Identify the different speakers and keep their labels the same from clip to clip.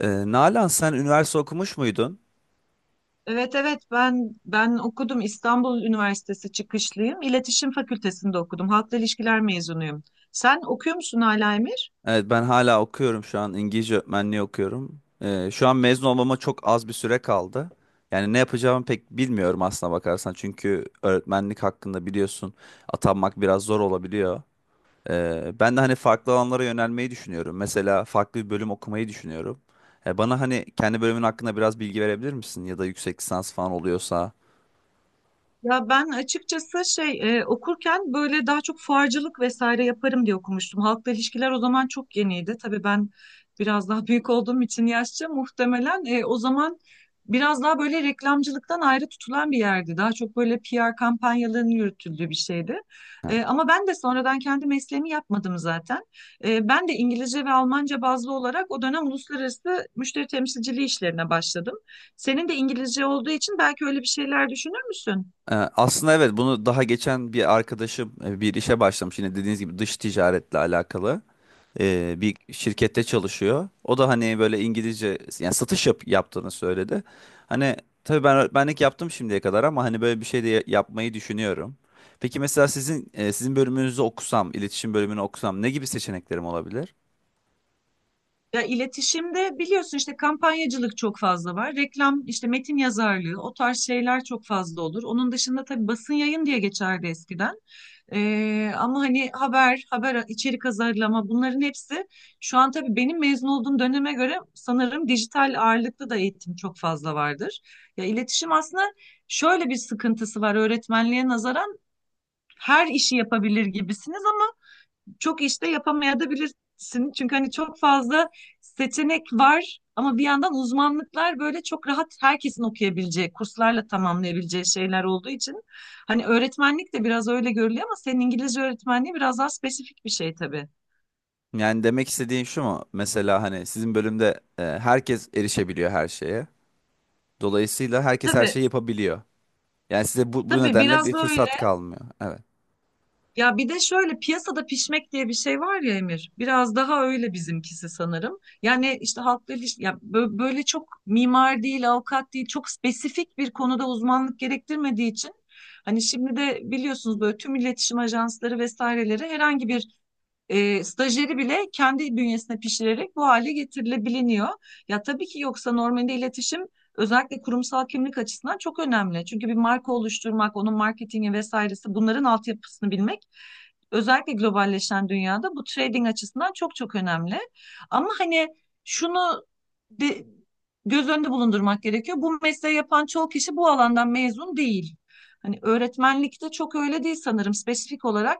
Speaker 1: Nalan, sen üniversite okumuş muydun?
Speaker 2: Evet evet ben okudum. İstanbul Üniversitesi çıkışlıyım. İletişim Fakültesinde okudum. Halkla ilişkiler mezunuyum. Sen okuyor musun hala Emir?
Speaker 1: Evet, ben hala okuyorum, şu an İngilizce öğretmenliği okuyorum. Şu an mezun olmama çok az bir süre kaldı. Yani ne yapacağımı pek bilmiyorum, aslına bakarsan. Çünkü öğretmenlik hakkında biliyorsun, atanmak biraz zor olabiliyor. Ben de hani farklı alanlara yönelmeyi düşünüyorum. Mesela farklı bir bölüm okumayı düşünüyorum. Bana hani kendi bölümün hakkında biraz bilgi verebilir misin? Ya da yüksek lisans falan oluyorsa.
Speaker 2: Ya ben açıkçası okurken böyle daha çok fuarcılık vesaire yaparım diye okumuştum. Halkla ilişkiler o zaman çok yeniydi. Tabii ben biraz daha büyük olduğum için yaşça muhtemelen o zaman biraz daha böyle reklamcılıktan ayrı tutulan bir yerdi. Daha çok böyle PR kampanyalarının yürütüldüğü bir şeydi. Ama ben de sonradan kendi mesleğimi yapmadım zaten. Ben de İngilizce ve Almanca bazlı olarak o dönem uluslararası müşteri temsilciliği işlerine başladım. Senin de İngilizce olduğu için belki öyle bir şeyler düşünür müsün?
Speaker 1: Aslında evet, bunu daha geçen bir arkadaşım bir işe başlamış, yine dediğiniz gibi dış ticaretle alakalı bir şirkette çalışıyor. O da hani böyle İngilizce, yani satış yaptığını söyledi. Hani tabii ben öğretmenlik yaptım şimdiye kadar, ama hani böyle bir şey de yapmayı düşünüyorum. Peki mesela sizin bölümünüzü okusam, iletişim bölümünü okusam ne gibi seçeneklerim olabilir?
Speaker 2: Ya iletişimde biliyorsun işte kampanyacılık çok fazla var. Reklam, işte metin yazarlığı, o tarz şeyler çok fazla olur. Onun dışında tabii basın yayın diye geçerdi eskiden. Ama hani haber içerik hazırlama, bunların hepsi şu an tabii benim mezun olduğum döneme göre sanırım dijital ağırlıklı da eğitim çok fazla vardır. Ya iletişim aslında şöyle bir sıkıntısı var: öğretmenliğe nazaran her işi yapabilir gibisiniz, çok işte yapamayabilirsin. Çünkü hani çok fazla seçenek var ama bir yandan uzmanlıklar böyle çok rahat herkesin okuyabileceği, kurslarla tamamlayabileceği şeyler olduğu için hani öğretmenlik de biraz öyle görülüyor, ama senin İngilizce öğretmenliği biraz daha spesifik bir şey tabii.
Speaker 1: Yani demek istediğim şu mu? Mesela hani sizin bölümde herkes erişebiliyor her şeye. Dolayısıyla herkes her
Speaker 2: Tabii,
Speaker 1: şeyi yapabiliyor. Yani size bu
Speaker 2: tabii
Speaker 1: nedenle
Speaker 2: biraz
Speaker 1: bir
Speaker 2: da öyle.
Speaker 1: fırsat kalmıyor. Evet.
Speaker 2: Ya bir de şöyle piyasada pişmek diye bir şey var ya Emir. Biraz daha öyle bizimkisi sanırım. Yani işte halkla iliş- ya bö- böyle çok mimar değil, avukat değil, çok spesifik bir konuda uzmanlık gerektirmediği için hani şimdi de biliyorsunuz böyle tüm iletişim ajansları vesaireleri herhangi bir stajyeri bile kendi bünyesine pişirerek bu hale getirilebiliniyor. Ya tabii ki, yoksa normalde iletişim özellikle kurumsal kimlik açısından çok önemli. Çünkü bir marka oluşturmak, onun marketingi vesairesi, bunların altyapısını bilmek özellikle globalleşen dünyada bu trading açısından çok çok önemli. Ama hani şunu de- göz önünde bulundurmak gerekiyor: bu mesleği yapan çoğu kişi bu alandan mezun değil. Hani öğretmenlikte çok öyle değil sanırım; spesifik olarak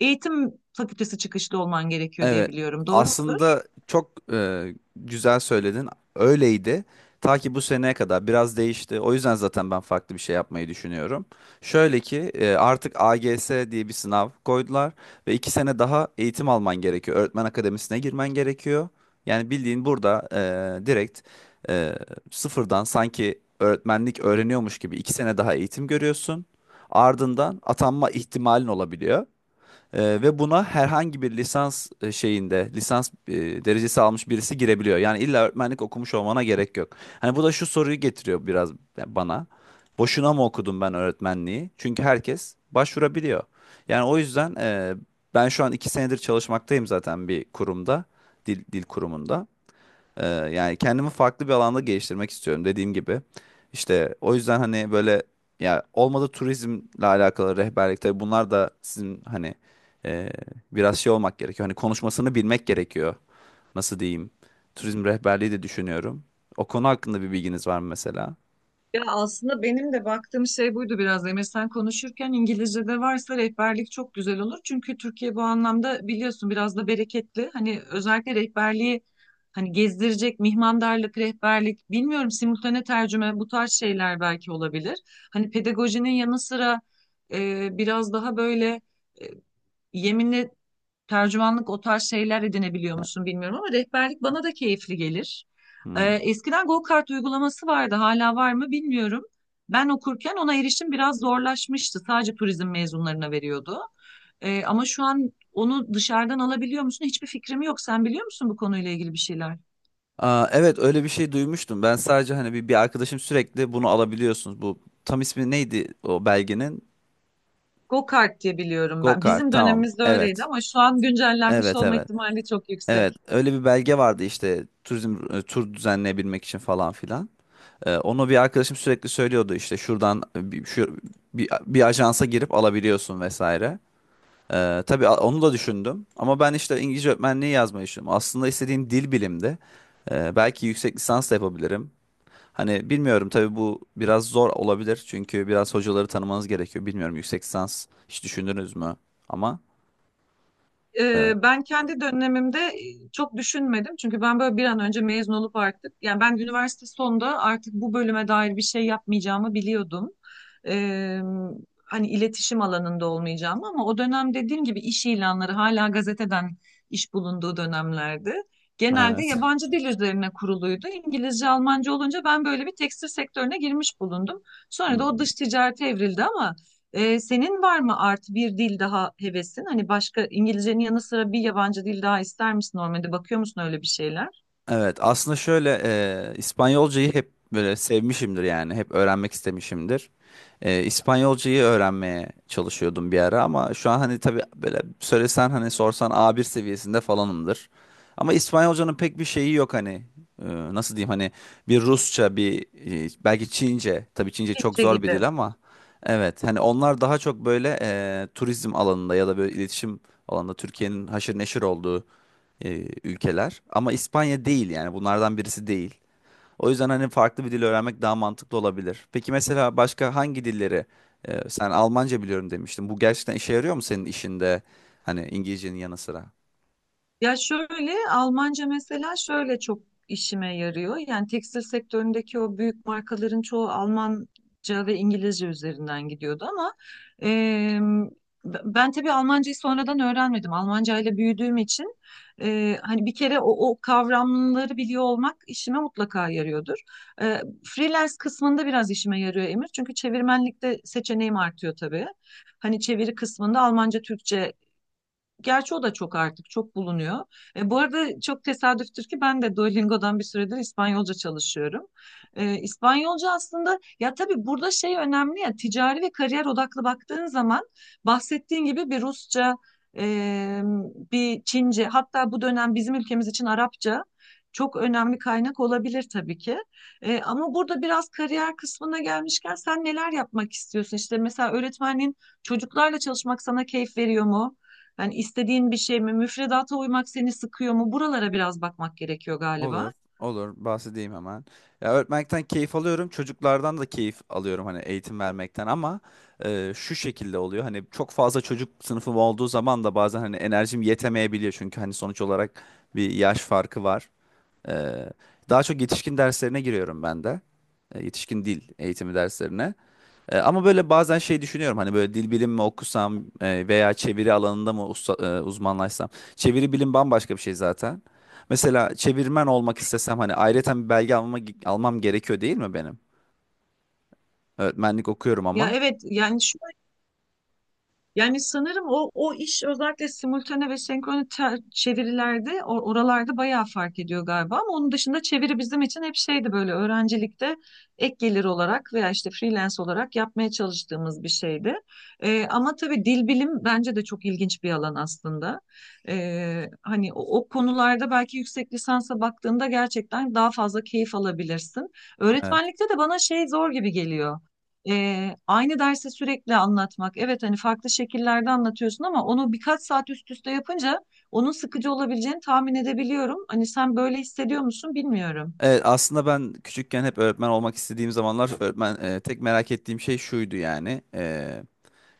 Speaker 2: eğitim fakültesi çıkışlı olman gerekiyor diye
Speaker 1: Evet.
Speaker 2: biliyorum. Doğru mudur?
Speaker 1: Aslında çok güzel söyledin. Öyleydi. Ta ki bu seneye kadar biraz değişti. O yüzden zaten ben farklı bir şey yapmayı düşünüyorum. Şöyle ki artık AGS diye bir sınav koydular ve 2 sene daha eğitim alman gerekiyor. Öğretmen akademisine girmen gerekiyor. Yani bildiğin burada direkt e, sıfırdan, sanki öğretmenlik öğreniyormuş gibi 2 sene daha eğitim görüyorsun. Ardından atanma ihtimalin olabiliyor. Ve buna herhangi bir lisans şeyinde, lisans derecesi almış birisi girebiliyor. Yani illa öğretmenlik okumuş olmana gerek yok. Hani bu da şu soruyu getiriyor biraz bana. Boşuna mı okudum ben öğretmenliği? Çünkü herkes başvurabiliyor. Yani o yüzden ben şu an 2 senedir çalışmaktayım zaten bir kurumda, dil kurumunda. Yani kendimi farklı bir alanda geliştirmek istiyorum, dediğim gibi. İşte o yüzden hani böyle, ya olmadı turizmle alakalı rehberlik, tabii bunlar da sizin hani e, biraz şey olmak gerekiyor. Hani konuşmasını bilmek gerekiyor. Nasıl diyeyim? Turizm rehberliği de düşünüyorum. O konu hakkında bir bilginiz var mı mesela?
Speaker 2: Ya aslında benim de baktığım şey buydu biraz. Emre, sen konuşurken İngilizce'de varsa rehberlik çok güzel olur. Çünkü Türkiye bu anlamda biliyorsun biraz da bereketli. Hani özellikle rehberliği, hani gezdirecek mihmandarlık, rehberlik, bilmiyorum simultane tercüme, bu tarz şeyler belki olabilir. Hani pedagojinin yanı sıra biraz daha böyle e, yeminli tercümanlık, o tarz şeyler edinebiliyor musun bilmiyorum ama rehberlik bana da keyifli gelir.
Speaker 1: Hmm.
Speaker 2: Eskiden go-kart uygulaması vardı, hala var mı bilmiyorum. Ben okurken ona erişim biraz zorlaşmıştı. Sadece turizm mezunlarına veriyordu. Ama şu an onu dışarıdan alabiliyor musun? Hiçbir fikrim yok. Sen biliyor musun bu konuyla ilgili bir şeyler?
Speaker 1: Aa, evet, öyle bir şey duymuştum. Ben sadece hani bir arkadaşım sürekli bunu alabiliyorsunuz. Bu tam ismi neydi o belgenin?
Speaker 2: Go-kart diye biliyorum ben.
Speaker 1: Gokart.
Speaker 2: Bizim
Speaker 1: Tamam.
Speaker 2: dönemimizde öyleydi
Speaker 1: Evet.
Speaker 2: ama şu an güncellenmiş
Speaker 1: Evet,
Speaker 2: olma
Speaker 1: evet.
Speaker 2: ihtimali çok
Speaker 1: Evet,
Speaker 2: yüksek.
Speaker 1: öyle bir belge vardı işte turizm tur düzenleyebilmek için falan filan. Onu bir arkadaşım sürekli söylüyordu, işte şuradan bir ajansa girip alabiliyorsun vesaire. Tabii onu da düşündüm, ama ben işte İngilizce öğretmenliği yazmayı düşündüm. Aslında istediğim dil bilimdi. Belki yüksek lisans da yapabilirim. Hani bilmiyorum, tabii bu biraz zor olabilir çünkü biraz hocaları tanımanız gerekiyor. Bilmiyorum, yüksek lisans hiç düşündünüz mü? Ama e,
Speaker 2: Ben kendi dönemimde çok düşünmedim. Çünkü ben böyle bir an önce mezun olup artık, yani ben üniversite sonunda artık bu bölüme dair bir şey yapmayacağımı biliyordum. Ee, Hani iletişim alanında olmayacağımı, ama o dönem dediğim gibi iş ilanları hala gazeteden iş bulunduğu dönemlerdi. Genelde
Speaker 1: evet.
Speaker 2: yabancı dil üzerine kuruluydu. İngilizce, Almanca olunca ben böyle bir tekstil sektörüne girmiş bulundum. Sonra da o
Speaker 1: Hmm.
Speaker 2: dış ticarete evrildi ama senin var mı artı bir dil daha hevesin? Hani başka, İngilizcenin yanı sıra bir yabancı dil daha ister misin normalde? Bakıyor musun öyle bir şeyler?
Speaker 1: Evet, aslında şöyle İspanyolcayı hep böyle sevmişimdir, yani hep öğrenmek istemişimdir. İspanyolcayı öğrenmeye çalışıyordum bir ara, ama şu an hani tabii böyle söylesen, hani sorsan A1 seviyesinde falanımdır. Ama İspanyolcanın pek bir şeyi yok hani. E, Nasıl diyeyim, hani bir Rusça, bir belki Çince, tabii Çince çok
Speaker 2: Çince
Speaker 1: zor bir
Speaker 2: gibi.
Speaker 1: dil ama evet, hani onlar daha çok böyle turizm alanında ya da böyle iletişim alanında Türkiye'nin haşır neşir olduğu ülkeler. Ama İspanya değil, yani bunlardan birisi değil. O yüzden hani farklı bir dil öğrenmek daha mantıklı olabilir. Peki mesela başka hangi dilleri sen Almanca biliyorum demiştin. Bu gerçekten işe yarıyor mu senin işinde? Hani İngilizcenin yanı sıra.
Speaker 2: Ya şöyle Almanca mesela şöyle çok işime yarıyor. Yani tekstil sektöründeki o büyük markaların çoğu Almanca ve İngilizce üzerinden gidiyordu ama e, ben tabii Almancayı sonradan öğrenmedim. Almanca ile büyüdüğüm için hani bir kere o kavramları biliyor olmak işime mutlaka yarıyordur. Freelance kısmında biraz işime yarıyor Emir. Çünkü çevirmenlikte seçeneğim artıyor tabii. Hani çeviri kısmında Almanca, Türkçe. Gerçi o da çok, artık çok bulunuyor. Bu arada çok tesadüftür ki ben de Duolingo'dan bir süredir İspanyolca çalışıyorum. İspanyolca aslında, ya tabii burada şey önemli, ya ticari ve kariyer odaklı baktığın zaman bahsettiğin gibi bir Rusça, e, bir Çince, hatta bu dönem bizim ülkemiz için Arapça çok önemli kaynak olabilir tabii ki. Ama burada biraz kariyer kısmına gelmişken sen neler yapmak istiyorsun? İşte mesela öğretmenliğin, çocuklarla çalışmak sana keyif veriyor mu? Yani istediğin bir şey mi? Müfredata uymak seni sıkıyor mu? Buralara biraz bakmak gerekiyor
Speaker 1: Olur,
Speaker 2: galiba.
Speaker 1: olur. Bahsedeyim hemen. Ya, öğretmekten keyif alıyorum. Çocuklardan da keyif alıyorum, hani eğitim vermekten ama şu şekilde oluyor. Hani çok fazla çocuk sınıfım olduğu zaman da bazen hani enerjim yetemeyebiliyor. Çünkü hani sonuç olarak bir yaş farkı var. Ee, Daha çok yetişkin derslerine giriyorum ben de. Yetişkin dil eğitimi derslerine. Ama böyle bazen şey düşünüyorum, hani böyle dil bilimi mi okusam veya çeviri alanında mı uzmanlaşsam. Çeviri bilim bambaşka bir şey zaten. Mesela çevirmen olmak istesem hani ayrıyeten bir belge almam gerekiyor değil mi benim? Öğretmenlik okuyorum
Speaker 2: Ya
Speaker 1: ama.
Speaker 2: evet yani, yani sanırım o iş özellikle simultane ve senkrone çevirilerde, oralarda bayağı fark ediyor galiba ama onun dışında çeviri bizim için hep şeydi, böyle öğrencilikte ek gelir olarak veya işte freelance olarak yapmaya çalıştığımız bir şeydi. Ama tabii dil bilim bence de çok ilginç bir alan aslında. Hani o konularda belki yüksek lisansa baktığında gerçekten daha fazla keyif alabilirsin.
Speaker 1: Evet.
Speaker 2: Öğretmenlikte de bana şey zor gibi geliyor. Aynı dersi sürekli anlatmak. Evet hani farklı şekillerde anlatıyorsun ama onu birkaç saat üst üste yapınca onun sıkıcı olabileceğini tahmin edebiliyorum. Hani sen böyle hissediyor musun bilmiyorum.
Speaker 1: Evet, aslında ben küçükken hep öğretmen olmak istediğim zamanlar öğretmen tek merak ettiğim şey şuydu, yani.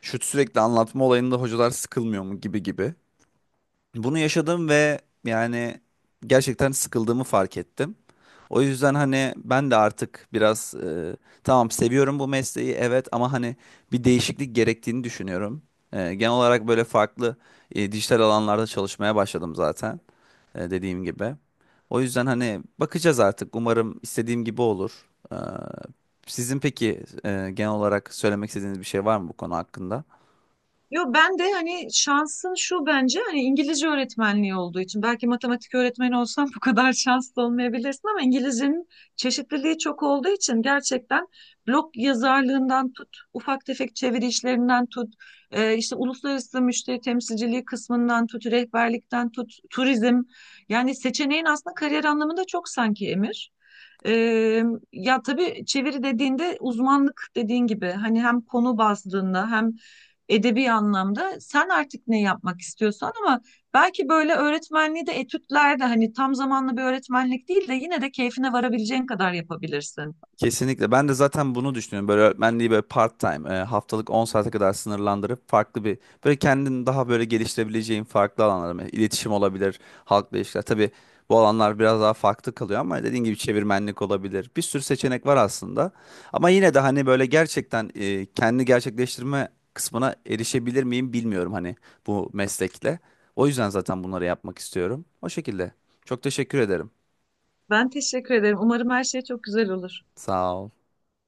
Speaker 1: Şu sürekli anlatma olayında hocalar sıkılmıyor mu gibi gibi. Bunu yaşadım ve, yani, gerçekten sıkıldığımı fark ettim. O yüzden hani ben de artık biraz tamam, seviyorum bu mesleği evet, ama hani bir değişiklik gerektiğini düşünüyorum. Genel olarak böyle farklı dijital alanlarda çalışmaya başladım zaten dediğim gibi. O yüzden hani bakacağız artık, umarım istediğim gibi olur. Sizin peki genel olarak söylemek istediğiniz bir şey var mı bu konu hakkında?
Speaker 2: Yo, ben de hani şansın şu bence, hani İngilizce öğretmenliği olduğu için, belki matematik öğretmeni olsam bu kadar şanslı olmayabilirsin ama İngilizcenin çeşitliliği çok olduğu için gerçekten blog yazarlığından tut, ufak tefek çeviri işlerinden tut, işte uluslararası müşteri temsilciliği kısmından tut, rehberlikten tut, turizm, yani seçeneğin aslında kariyer anlamında çok sanki Emir. Ee, Ya tabii çeviri dediğinde uzmanlık, dediğin gibi hani hem konu bazlığında hem edebi anlamda sen artık ne yapmak istiyorsan, ama belki böyle öğretmenliği de etütlerde, hani tam zamanlı bir öğretmenlik değil de yine de keyfine varabileceğin kadar yapabilirsin.
Speaker 1: Kesinlikle. Ben de zaten bunu düşünüyorum. Böyle öğretmenliği böyle part time, haftalık 10 saate kadar sınırlandırıp farklı bir, böyle kendini daha böyle geliştirebileceğin farklı alanlar, mesela iletişim olabilir, halkla ilişkiler. Tabii bu alanlar biraz daha farklı kalıyor ama dediğin gibi çevirmenlik olabilir. Bir sürü seçenek var aslında. Ama yine de hani böyle gerçekten kendini gerçekleştirme kısmına erişebilir miyim bilmiyorum, hani bu meslekle. O yüzden zaten bunları yapmak istiyorum. O şekilde. Çok teşekkür ederim.
Speaker 2: Ben teşekkür ederim. Umarım her şey çok güzel olur.
Speaker 1: Sağ ol.